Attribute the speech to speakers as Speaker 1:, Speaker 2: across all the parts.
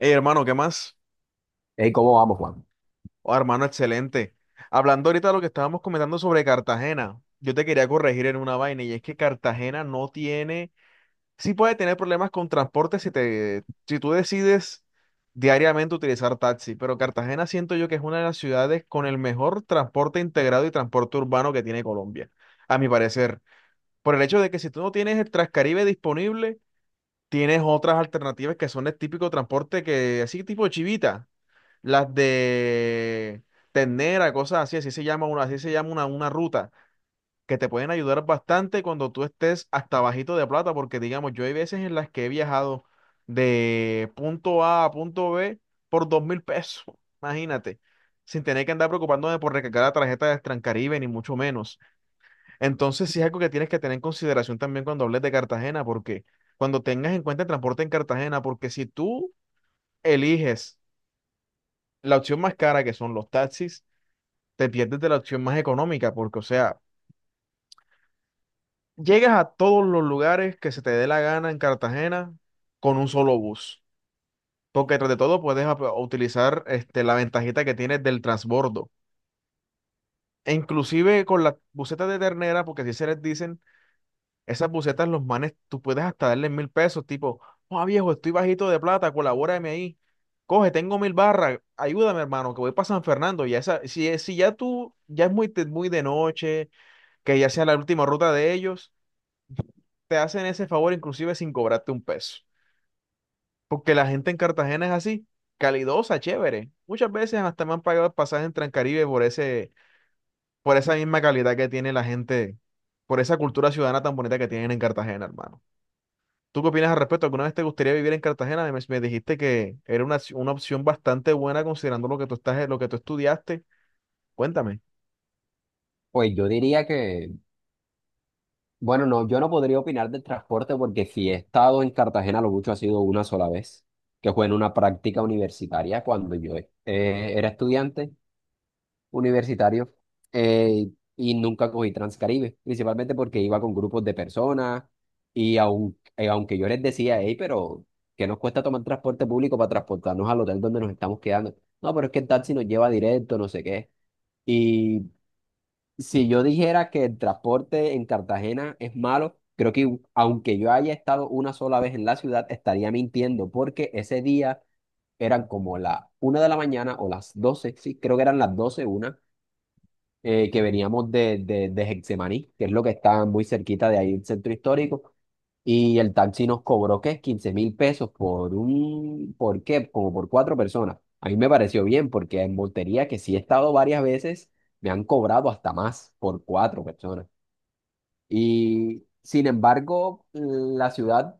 Speaker 1: Hey, hermano, ¿qué más?
Speaker 2: Ey, ¿cómo vamos, Juan?
Speaker 1: Oh, hermano, excelente. Hablando ahorita de lo que estábamos comentando sobre Cartagena, yo te quería corregir en una vaina y es que Cartagena no tiene, sí puede tener problemas con transporte si tú decides diariamente utilizar taxi, pero Cartagena siento yo que es una de las ciudades con el mejor transporte integrado y transporte urbano que tiene Colombia, a mi parecer, por el hecho de que si tú no tienes el Transcaribe disponible, tienes otras alternativas que son el típico transporte que así tipo chivita las de ternera, cosas así, así se llama una, así se llama una ruta, que te pueden ayudar bastante cuando tú estés hasta bajito de plata, porque digamos, yo hay veces en las que he viajado de punto A a punto B por 2000 pesos, imagínate, sin tener que andar preocupándome por recargar la tarjeta de Transcaribe, ni mucho menos. Entonces, sí es algo que tienes que tener en consideración también cuando hables de Cartagena, porque cuando tengas en cuenta el transporte en Cartagena, porque si tú eliges la opción más cara, que son los taxis, te pierdes de la opción más económica, porque, o sea, llegas a todos los lugares que se te dé la gana en Cartagena con un solo bus, porque tras de todo puedes utilizar este, la ventajita que tienes del transbordo. E inclusive con las busetas de ternera, porque si se les dicen, esas busetas los manes, tú puedes hasta darles 1000 pesos, tipo, oh viejo, estoy bajito de plata, colabórame ahí. Coge, tengo 1000 barras, ayúdame hermano, que voy para San Fernando. Ya esa, si ya tú, ya es muy de noche, que ya sea la última ruta de ellos, te hacen ese favor inclusive sin cobrarte un peso. Porque la gente en Cartagena es así, calidosa, chévere. Muchas veces hasta me han pagado el pasaje en Transcaribe por esa misma calidad que tiene la gente, por esa cultura ciudadana tan bonita que tienen en Cartagena, hermano. ¿Tú qué opinas al respecto? ¿Alguna vez te gustaría vivir en Cartagena? Me dijiste que era una opción bastante buena considerando lo que tú estudiaste. Cuéntame.
Speaker 2: Pues yo diría que, bueno, no, yo no podría opinar del transporte porque si he estado en Cartagena, lo mucho ha sido una sola vez, que fue en una práctica universitaria cuando yo era estudiante universitario eh, y nunca cogí Transcaribe, principalmente porque iba con grupos de personas y aunque yo les decía, hey, pero ¿qué nos cuesta tomar transporte público para transportarnos al hotel donde nos estamos quedando? No, pero es que el taxi nos lleva directo, no sé qué. Si yo dijera que el transporte en Cartagena es malo, creo que aunque yo haya estado una sola vez en la ciudad, estaría mintiendo, porque ese día eran como la 1 de la mañana o las 12, sí, creo que eran las 12 una, que veníamos de Getsemaní, que es lo que está muy cerquita de ahí, el centro histórico, y el taxi nos cobró, ¿qué? 15.000 pesos por un, ¿por qué? Como por cuatro personas. A mí me pareció bien, porque en Montería, que sí he estado varias veces, me han cobrado hasta más por cuatro personas. Y sin embargo, la ciudad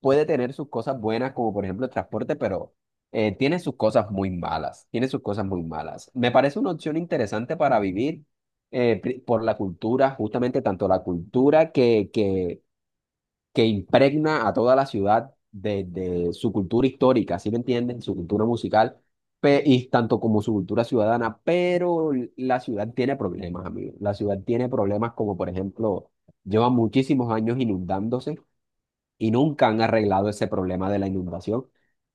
Speaker 2: puede tener sus cosas buenas, como por ejemplo el transporte, pero tiene sus cosas muy malas, tiene sus cosas muy malas. Me parece una opción interesante para vivir por la cultura, justamente tanto la cultura que impregna a toda la ciudad de su cultura histórica, ¿sí me entienden? Su cultura musical. Y tanto como su cultura ciudadana, pero la ciudad tiene problemas, amigos. La ciudad tiene problemas como, por ejemplo, lleva muchísimos años inundándose y nunca han arreglado ese problema de la inundación,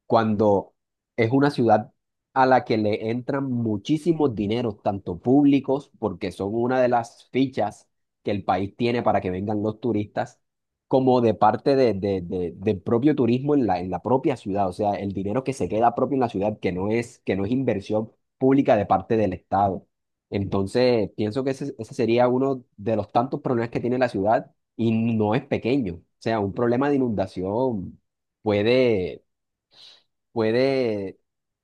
Speaker 2: cuando es una ciudad a la que le entran muchísimos dineros, tanto públicos, porque son una de las fichas que el país tiene para que vengan los turistas, como de parte del propio turismo en la propia ciudad, o sea, el dinero que se queda propio en la ciudad, que no es inversión pública de parte del Estado. Entonces, pienso que ese sería uno de los tantos problemas que tiene la ciudad y no es pequeño. O sea, un problema de inundación puede, puede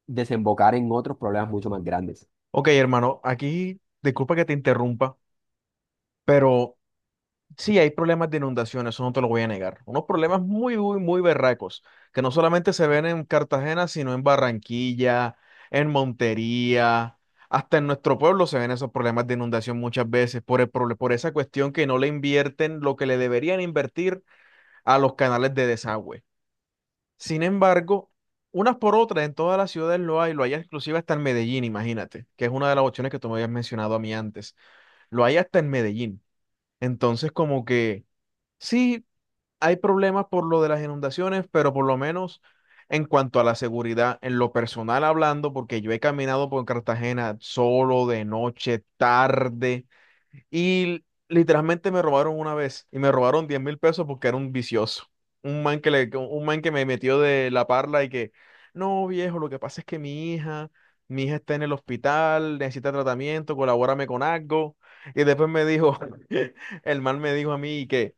Speaker 2: desembocar en otros problemas mucho más grandes.
Speaker 1: Ok, hermano, aquí disculpa que te interrumpa, pero sí, hay problemas de inundación, eso no te lo voy a negar. Unos problemas muy, muy, muy berracos, que no solamente se ven en Cartagena, sino en Barranquilla, en Montería, hasta en nuestro pueblo se ven esos problemas de inundación muchas veces por esa cuestión que no le invierten lo que le deberían invertir a los canales de desagüe. Sin embargo, unas por otras en todas las ciudades lo hay exclusiva hasta en Medellín, imagínate, que es una de las opciones que tú me habías mencionado a mí antes. Lo hay hasta en Medellín. Entonces, como que... Sí, hay problemas por lo de las inundaciones, pero por lo menos en cuanto a la seguridad, en lo personal hablando, porque yo he caminado por Cartagena solo, de noche, tarde, y literalmente me robaron una vez y me robaron 10.000 pesos porque era un vicioso. Un man que me metió de la parla y que, no, viejo, lo que pasa es que mi hija está en el hospital, necesita tratamiento, colabórame con algo. Y después me dijo, el man me dijo a mí que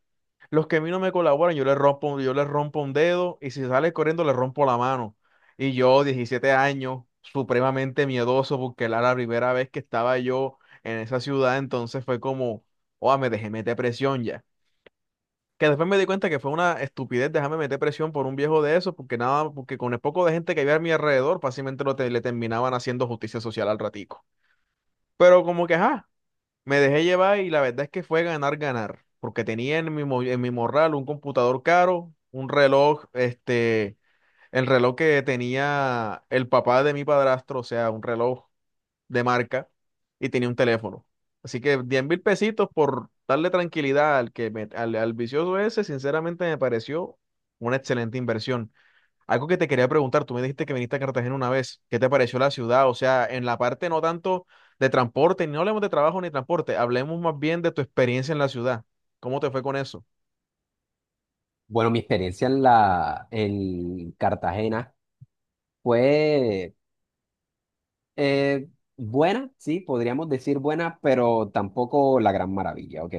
Speaker 1: los que a mí no me colaboran, yo les rompo un dedo y si sale corriendo, le rompo la mano. Y yo, 17 años, supremamente miedoso, porque era la primera vez que estaba yo en esa ciudad, entonces fue como, oh, me dejé meter presión ya. Que después me di cuenta que fue una estupidez dejarme meter presión por un viejo de eso, porque nada, porque con el poco de gente que había a mi alrededor, fácilmente le terminaban haciendo justicia social al ratico. Pero como que, ajá, me dejé llevar y la verdad es que fue ganar, ganar, porque tenía en en mi morral un computador caro, un reloj, este, el reloj que tenía el papá de mi padrastro, o sea, un reloj de marca, y tenía un teléfono. Así que 10.000 pesitos por darle tranquilidad al al vicioso ese, sinceramente me pareció una excelente inversión. Algo que te quería preguntar, tú me dijiste que viniste a Cartagena una vez, ¿qué te pareció la ciudad? O sea, en la parte no tanto de transporte, no hablemos de trabajo ni transporte, hablemos más bien de tu experiencia en la ciudad. ¿Cómo te fue con eso?
Speaker 2: Bueno, mi experiencia en la, en Cartagena fue eh, buena, sí, podríamos decir buena, pero tampoco la gran maravilla, ¿ok?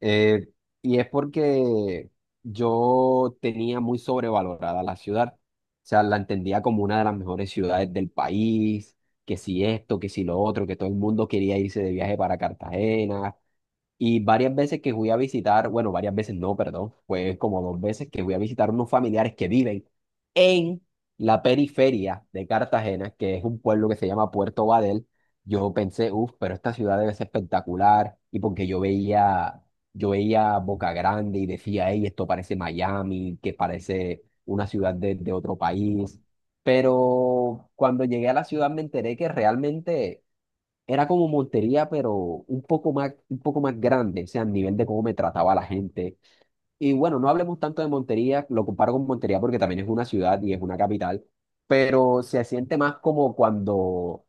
Speaker 2: Eh, y es porque yo tenía muy sobrevalorada la ciudad. O sea, la entendía como una de las mejores ciudades del país, que si esto, que si lo otro, que todo el mundo quería irse de viaje para Cartagena, y varias veces que fui a visitar, bueno, varias veces no, perdón, fue como dos veces que fui a visitar unos familiares que viven en la periferia de Cartagena, que es un pueblo que se llama Puerto Badel. Yo pensé, uff, pero esta ciudad debe ser espectacular. Y porque yo veía Boca Grande y decía, hey, esto parece Miami, que parece una ciudad de otro país. Pero cuando llegué a la ciudad me enteré que realmente era como Montería, pero un poco más grande, o sea, a nivel de cómo me trataba la gente. Y bueno, no hablemos tanto de Montería, lo comparo con Montería porque también es una ciudad y es una capital, pero se siente más como cuando,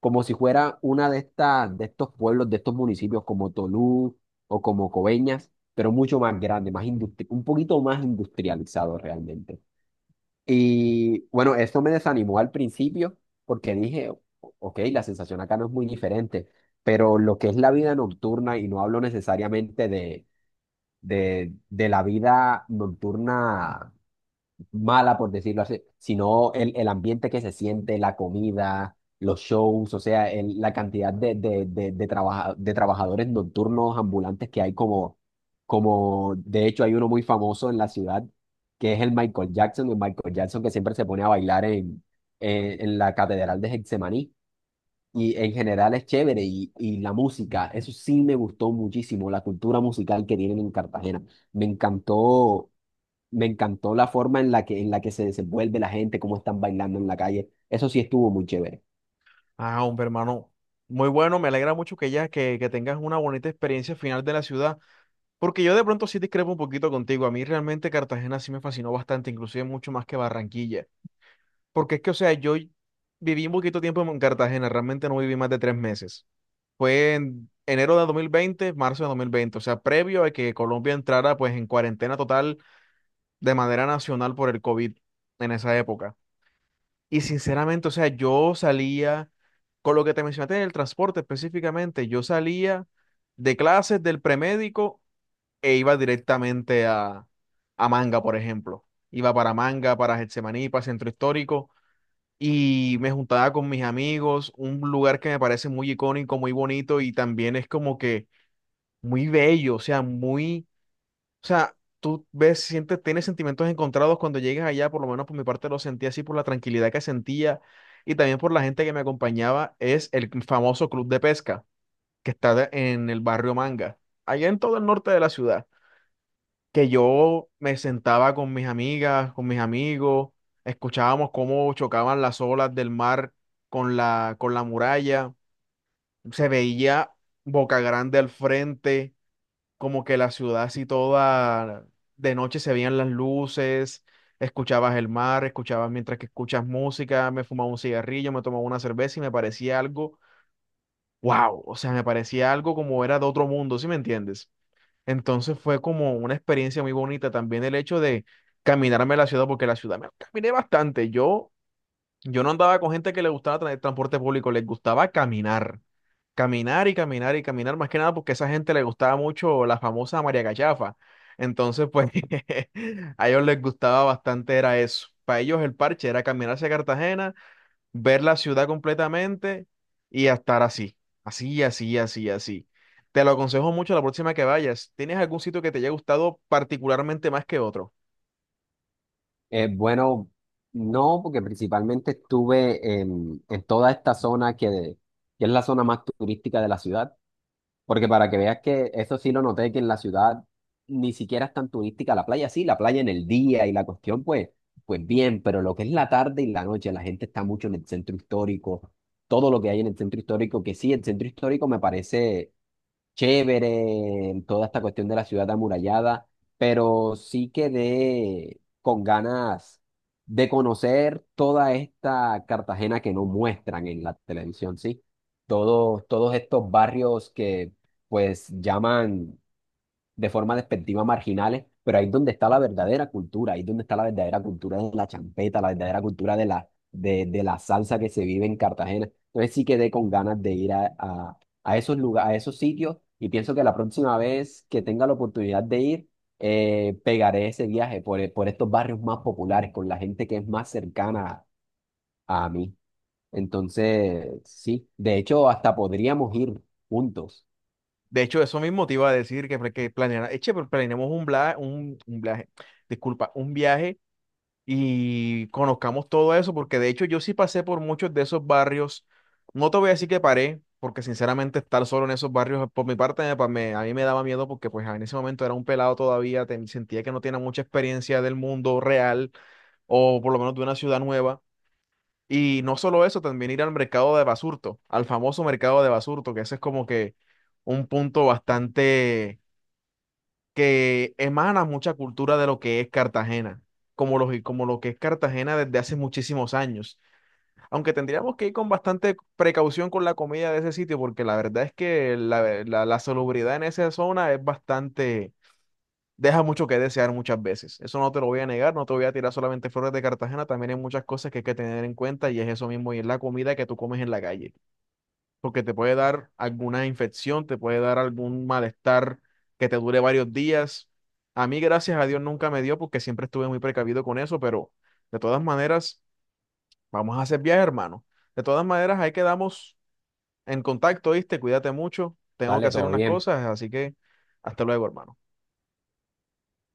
Speaker 2: como si fuera una de estas, de estos pueblos, de estos municipios como Tolú o como Coveñas, pero mucho más grande, más un poquito más industrializado realmente. Y bueno, esto me desanimó al principio porque dije, Ok, la sensación acá no es muy diferente, pero lo que es la vida nocturna, y no hablo necesariamente de, de la vida nocturna mala, por decirlo así, sino el ambiente que se siente, la comida, los shows, o sea, la cantidad de trabajadores nocturnos ambulantes que hay como, de hecho hay uno muy famoso en la ciudad, que es el Michael Jackson que siempre se pone a bailar en, en la Catedral de Getsemaní. Y en general es chévere y la música, eso sí me gustó muchísimo, la cultura musical que tienen en Cartagena. Me encantó me encantó la forma en la que se desenvuelve la gente, cómo están bailando en la calle. Eso sí estuvo muy chévere.
Speaker 1: Ah, hombre, hermano, muy bueno, me alegra mucho que que tengas una bonita experiencia final de la ciudad, porque yo de pronto sí discrepo un poquito contigo. A mí realmente Cartagena sí me fascinó bastante, inclusive mucho más que Barranquilla, porque es que, o sea, yo viví un poquito tiempo en Cartagena, realmente no viví más de 3 meses. Fue en enero de 2020, marzo de 2020, o sea, previo a que Colombia entrara pues en cuarentena total de manera nacional por el COVID en esa época. Y sinceramente, o sea, yo salía, con lo que te mencionaste en el transporte específicamente, yo salía de clases del premédico e iba directamente a Manga, por ejemplo. Iba para Manga, para Getsemaní, para Centro Histórico y me juntaba con mis amigos, un lugar que me parece muy icónico, muy bonito y también es como que muy bello, o sea, muy, o sea, tú ves, sientes, tienes sentimientos encontrados cuando llegas allá, por lo menos por mi parte lo sentí así por la tranquilidad que sentía y también por la gente que me acompañaba, es el famoso club de pesca que en el barrio Manga, allá en todo el norte de la ciudad, que yo me sentaba con mis amigas, con mis amigos, escuchábamos cómo chocaban las olas del mar con la muralla, se veía Boca Grande al frente como que la ciudad así toda, de noche se veían las luces, escuchabas el mar, escuchabas mientras que escuchas música, me fumaba un cigarrillo, me tomaba una cerveza y me parecía algo, wow, o sea, me parecía algo como era de otro mundo, ¿sí me entiendes? Entonces fue como una experiencia muy bonita también el hecho de caminarme la ciudad, porque la ciudad me caminé bastante, yo no andaba con gente que el transporte público, les gustaba caminar, caminar y caminar y caminar, más que nada porque a esa gente le gustaba mucho la famosa María Cachafa. Entonces, pues, a ellos les gustaba bastante era eso. Para ellos el parche era caminar hacia Cartagena, ver la ciudad completamente y a estar así, así, así, así, así. Te lo aconsejo mucho la próxima que vayas. ¿Tienes algún sitio que te haya gustado particularmente más que otro?
Speaker 2: Bueno, no, porque principalmente estuve en toda esta zona que es la zona más turística de la ciudad. Porque para que veas que eso sí lo noté, que en la ciudad ni siquiera es tan turística la playa. Sí, la playa en el día y la cuestión, pues, bien, pero lo que es la tarde y la noche, la gente está mucho en el centro histórico. Todo lo que hay en el centro histórico, que sí, el centro histórico me parece chévere, en toda esta cuestión de la ciudad amurallada, pero sí quedé con ganas de conocer toda esta Cartagena que no muestran en la televisión, ¿sí? Todos estos barrios que pues llaman de forma despectiva marginales, pero ahí es donde está la verdadera cultura, ahí es donde está la verdadera cultura de la champeta, la verdadera cultura de la salsa que se vive en Cartagena. Entonces sí quedé con ganas de ir a esos lugares, a esos sitios y pienso que la próxima vez que tenga la oportunidad de ir, pegaré ese viaje por estos barrios más populares, con la gente que es más cercana a mí. Entonces, sí, de hecho, hasta podríamos ir juntos.
Speaker 1: De hecho, eso mismo te iba a decir que planeara, eche, pero planeemos un viaje, disculpa, un viaje y conozcamos todo eso, porque de hecho yo sí pasé por muchos de esos barrios. No te voy a decir que paré, porque sinceramente estar solo en esos barrios por mi parte a mí me daba miedo porque pues en ese momento era un pelado todavía, sentía que no tenía mucha experiencia del mundo real o por lo menos de una ciudad nueva. Y no solo eso, también ir al mercado de Basurto, al famoso mercado de Basurto, que ese es como que un punto bastante que emana mucha cultura de lo que es Cartagena, como lo que es Cartagena desde hace muchísimos años. Aunque tendríamos que ir con bastante precaución con la comida de ese sitio, porque la verdad es que la salubridad en esa zona es bastante deja mucho que desear muchas veces. Eso no te lo voy a negar, no te voy a tirar solamente flores de Cartagena, también hay muchas cosas que hay que tener en cuenta y es eso mismo, y es la comida que tú comes en la calle, porque te puede dar alguna infección, te puede dar algún malestar que te dure varios días. A mí, gracias a Dios, nunca me dio porque siempre estuve muy precavido con eso, pero de todas maneras, vamos a hacer viaje, hermano. De todas maneras, ahí quedamos en contacto, ¿viste? Cuídate mucho, tengo que
Speaker 2: Dale,
Speaker 1: hacer
Speaker 2: todo
Speaker 1: unas
Speaker 2: bien.
Speaker 1: cosas, así que hasta luego, hermano.